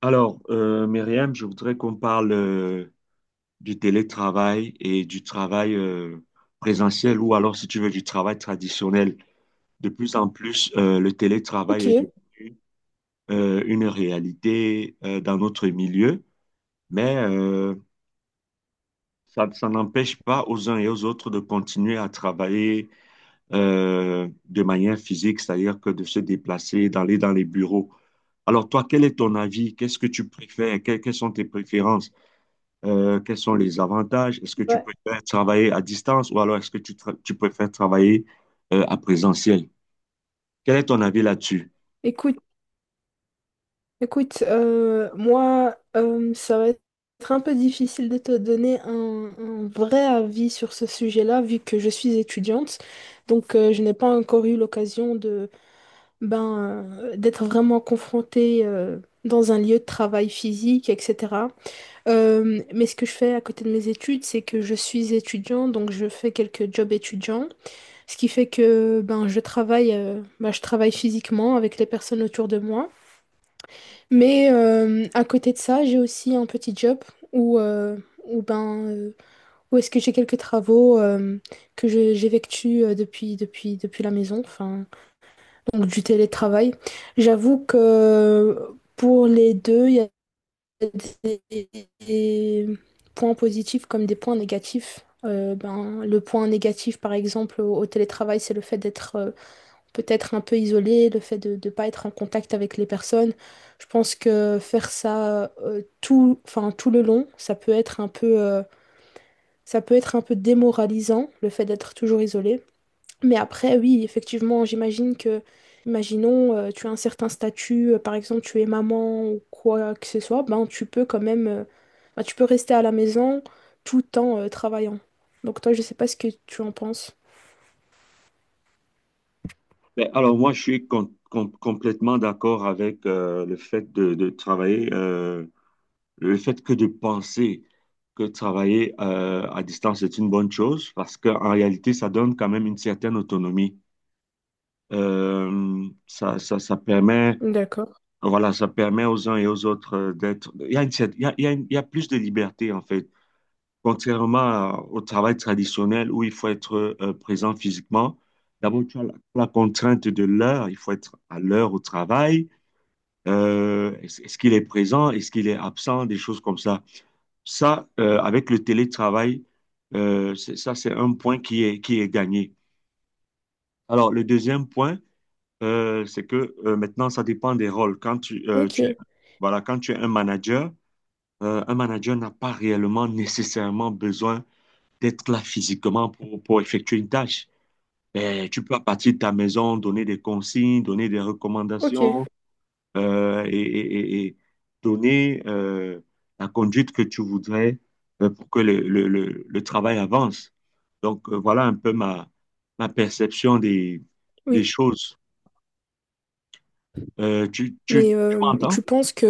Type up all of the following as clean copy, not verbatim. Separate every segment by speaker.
Speaker 1: Alors, Myriam, je voudrais qu'on parle du télétravail et du travail présentiel ou alors, si tu veux, du travail traditionnel. De plus en plus, le télétravail est
Speaker 2: Ok,
Speaker 1: devenu une réalité dans notre milieu, mais ça n'empêche pas aux uns et aux autres de continuer à travailler de manière physique, c'est-à-dire que de se déplacer, d'aller dans les bureaux. Alors, toi, quel est ton avis? Qu'est-ce que tu préfères? Quelles sont tes préférences? Quels sont les avantages? Est-ce que tu
Speaker 2: bah,
Speaker 1: peux faire travailler à distance ou alors est-ce que tu peux faire travailler à présentiel? Quel est ton avis là-dessus?
Speaker 2: écoute, écoute, moi, ça va être un peu difficile de te donner un vrai avis sur ce sujet-là, vu que je suis étudiante. Donc, je n'ai pas encore eu l'occasion de, ben, d'être vraiment confrontée, dans un lieu de travail physique, etc. Mais ce que je fais à côté de mes études, c'est que je suis étudiant, donc je fais quelques jobs étudiants, ce qui fait que, ben, je travaille, je travaille physiquement avec les personnes autour de moi. Mais à côté de ça, j'ai aussi un petit job où, où, ben, euh, où est-ce que j'ai quelques travaux j'effectue depuis la maison, enfin, donc du télétravail. J'avoue que pour les deux, il y a des, des points positifs comme des points négatifs. Ben, le point négatif, par exemple, au télétravail, c'est le fait d'être peut-être un peu isolé, le fait de ne pas être en contact avec les personnes. Je pense que faire ça tout, enfin, tout le long, ça peut être un peu, ça peut être un peu démoralisant, le fait d'être toujours isolé. Mais après, oui, effectivement, j'imagine que, imaginons, tu as un certain statut, par exemple, tu es maman ou quoi que ce soit, ben tu peux quand même, ben, tu peux rester à la maison tout en travaillant. Donc toi, je sais pas ce que tu en penses.
Speaker 1: Ben, alors moi, je suis complètement d'accord avec le fait de travailler, le fait que de penser que travailler à distance est une bonne chose parce qu'en réalité, ça donne quand même une certaine autonomie. Ça permet,
Speaker 2: D'accord.
Speaker 1: voilà, ça permet aux uns et aux autres d'être... Il y a une cer- il y a une- Il y a plus de liberté en fait. Contrairement au travail traditionnel où il faut être présent physiquement, d'abord tu as la contrainte de l'heure, il faut être à l'heure au travail. Est-ce qu'il est présent, est-ce qu'il est absent, des choses comme ça. Ça, avec le télétravail, ça c'est un point qui est gagné. Alors le deuxième point, c'est que maintenant ça dépend des rôles. Quand
Speaker 2: Ok,
Speaker 1: voilà, quand tu es un manager n'a pas réellement nécessairement besoin d'être là physiquement pour effectuer une tâche. Et tu peux à partir de ta maison donner des consignes, donner des
Speaker 2: ok.
Speaker 1: recommandations et donner la conduite que tu voudrais pour que le travail avance. Donc voilà un peu ma perception des
Speaker 2: Oui.
Speaker 1: choses.
Speaker 2: Mais
Speaker 1: Tu m'entends?
Speaker 2: tu penses que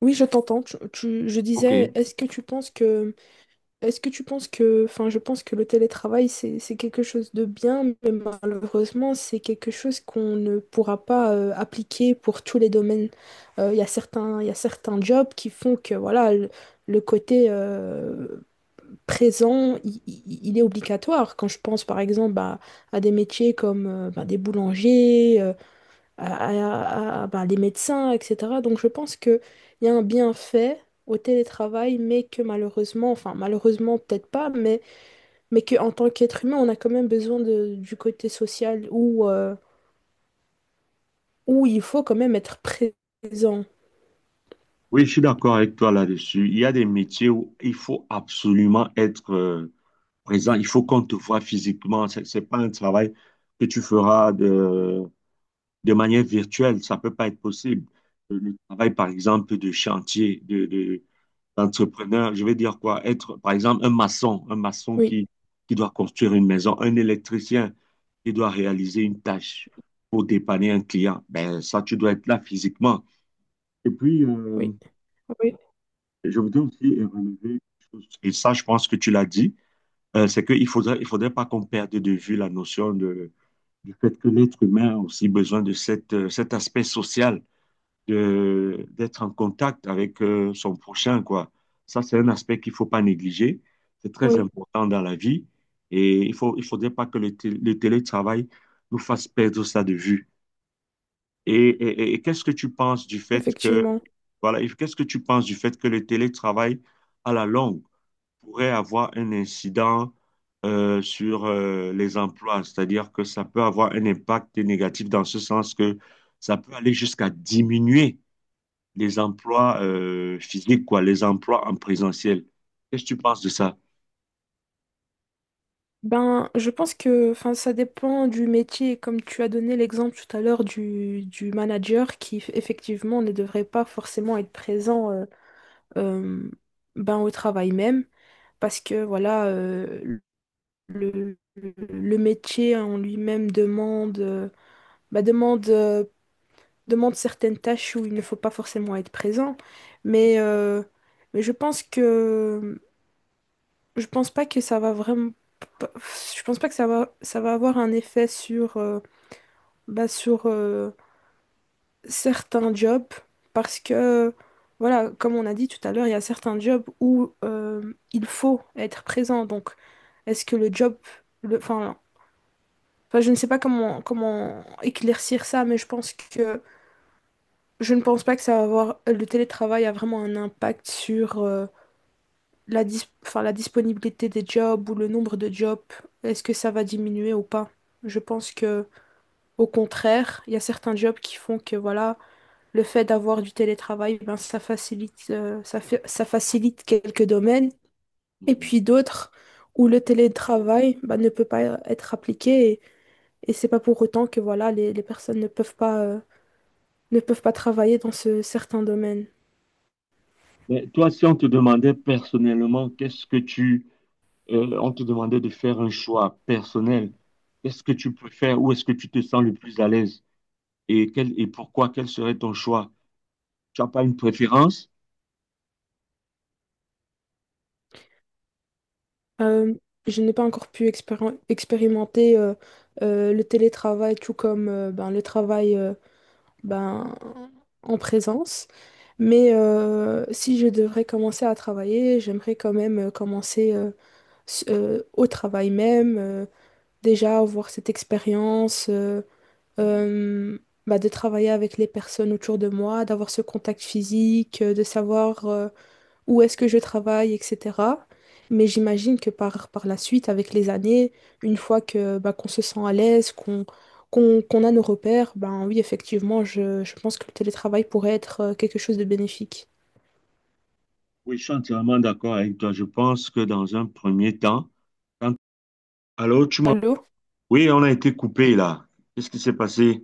Speaker 2: oui, je t'entends. Je
Speaker 1: OK.
Speaker 2: disais, est-ce que tu penses que, enfin, je pense que le télétravail c'est quelque chose de bien, mais malheureusement c'est quelque chose qu'on ne pourra pas appliquer pour tous les domaines. Il y a il y a certains jobs qui font que voilà le côté présent il est obligatoire. Quand je pense par exemple à des métiers comme ben, des boulangers, bah, les médecins, etc. Donc je pense qu'il y a un bienfait au télétravail, mais que malheureusement, enfin malheureusement peut-être pas, mais qu'en tant qu'être humain, on a quand même besoin du côté social où, où il faut quand même être présent.
Speaker 1: Oui, je suis d'accord avec toi là-dessus. Il y a des métiers où il faut absolument être... présent, il faut qu'on te voit physiquement. C'est n'est pas un travail que tu feras de manière virtuelle. Ça peut pas être possible. Le travail, par exemple, de chantier, d'entrepreneur, je vais dire quoi? Être, par exemple, un maçon
Speaker 2: Oui,
Speaker 1: qui doit construire une maison, un électricien qui doit réaliser une tâche pour dépanner un client. Ben, ça, tu dois être là physiquement. Et puis,
Speaker 2: oui, oui,
Speaker 1: je voudrais aussi relever quelque chose. Et ça, je pense que tu l'as dit, c'est il faudrait pas qu'on perde de vue la notion du fait que l'être humain a aussi besoin de cette, cet aspect social, d'être en contact avec son prochain, quoi. Ça, c'est un aspect qu'il faut pas négliger. C'est très
Speaker 2: oui,
Speaker 1: important dans la vie et il faudrait pas que le télétravail nous fasse perdre ça de vue. Et qu'est-ce que tu penses du fait
Speaker 2: effectivement.
Speaker 1: voilà, et qu'est-ce que tu penses du fait que le télétravail, à la longue, pourrait avoir un incident sur les emplois, c'est-à-dire que ça peut avoir un impact négatif dans ce sens que ça peut aller jusqu'à diminuer les emplois physiques, quoi, les emplois en présentiel. Qu'est-ce que tu penses de ça?
Speaker 2: Ben, je pense que enfin, ça dépend du métier. Comme tu as donné l'exemple tout à l'heure du manager qui, effectivement, ne devrait pas forcément être présent euh, ben, au travail même, parce que voilà, le métier en lui-même demande, demande, demande certaines tâches où il ne faut pas forcément être présent. Mais, euh, mais je pense que je pense pas que ça va vraiment, je pense pas que ça va avoir un effet sur, bah, sur, euh, certains jobs parce que, voilà, comme on a dit tout à l'heure, il y a certains jobs où il faut être présent. Donc, est-ce que le job, le, enfin, enfin, je ne sais pas comment, comment éclaircir ça, mais je ne pense pas que ça va avoir, le télétravail a vraiment un impact sur enfin, la disponibilité des jobs ou le nombre de jobs. Est-ce que ça va diminuer ou pas? Je pense que, au contraire, il y a certains jobs qui font que, voilà. Le fait d'avoir du télétravail, ben, ça facilite, ça facilite quelques domaines. Et
Speaker 1: Mhm.
Speaker 2: puis d'autres où le télétravail, ben, ne peut pas être appliqué et c'est pas pour autant que voilà, les personnes ne peuvent pas, ne peuvent pas travailler dans ce certain domaine.
Speaker 1: Mais toi, si on te demandait personnellement, on te demandait de faire un choix personnel, qu'est-ce que tu peux faire, où est-ce que tu te sens le plus à l'aise? Et, quel serait ton choix? Tu n'as pas une préférence?
Speaker 2: Euh, je n'ai pas encore pu expérimenter le télétravail tout comme ben, le travail ben, en présence. Mais si je devrais commencer à travailler, j'aimerais quand même commencer au travail même, déjà avoir cette expérience
Speaker 1: Mhm.
Speaker 2: euh, de travailler avec les personnes autour de moi, d'avoir ce contact physique, de savoir où est-ce que je travaille, etc. Mais j'imagine que par, par la suite, avec les années, une fois que bah, qu'on se sent à l'aise, qu'on, qu'on a nos repères, ben oui, effectivement, je pense que le télétravail pourrait être quelque chose de bénéfique.
Speaker 1: Oui, je suis entièrement d'accord avec toi. Je pense que dans un premier temps, quand... Allô, tu m'entends?
Speaker 2: Allô?
Speaker 1: Oui, on a été coupé là. Qu'est-ce qui s'est passé?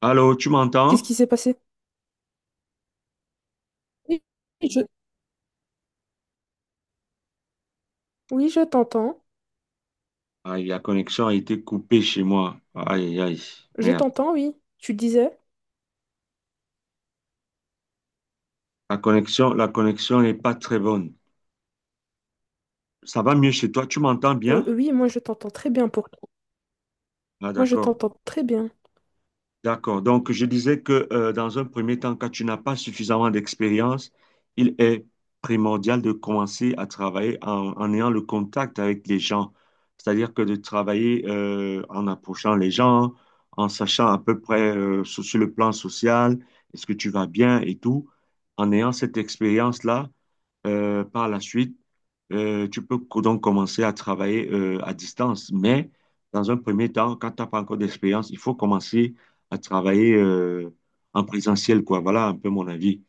Speaker 1: Allô, tu
Speaker 2: Qu'est-ce
Speaker 1: m'entends?
Speaker 2: qui s'est passé? Oui, je, oui, je t'entends.
Speaker 1: Aïe, la connexion a été coupée chez moi. Aïe, aïe,
Speaker 2: Je
Speaker 1: merde.
Speaker 2: t'entends, oui. Tu disais?
Speaker 1: La connexion n'est pas très bonne. Ça va mieux chez toi? Tu m'entends bien?
Speaker 2: Oui, moi je t'entends très bien pour toi.
Speaker 1: Ah,
Speaker 2: Moi je
Speaker 1: d'accord.
Speaker 2: t'entends très bien.
Speaker 1: D'accord. Donc, je disais que dans un premier temps, quand tu n'as pas suffisamment d'expérience, il est primordial de commencer à travailler en ayant le contact avec les gens. C'est-à-dire que de travailler en approchant les gens, en sachant à peu près sur le plan social, est-ce que tu vas bien et tout. En ayant cette expérience-là, par la suite, donc commencer à travailler à distance. Mais dans un premier temps, quand tu n'as pas encore d'expérience, il faut commencer à travailler en présentiel, quoi. Voilà un peu mon avis.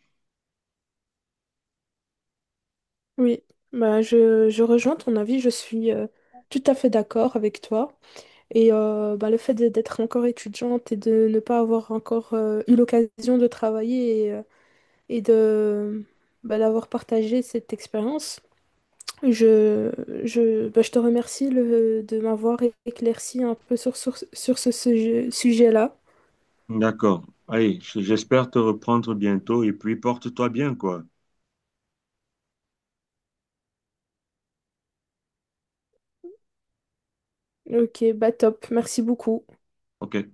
Speaker 2: Oui, bah, je rejoins ton avis, je suis tout à fait d'accord avec toi. Et bah, le fait d'être encore étudiante et de ne pas avoir encore eu l'occasion de travailler et de bah, d'avoir partagé cette expérience, je, bah, je te remercie de m'avoir éclairci un peu sur, sur ce sujet-là.
Speaker 1: D'accord. Allez, j'espère te reprendre bientôt et puis porte-toi bien, quoi.
Speaker 2: Ok, bah top, merci beaucoup.
Speaker 1: OK.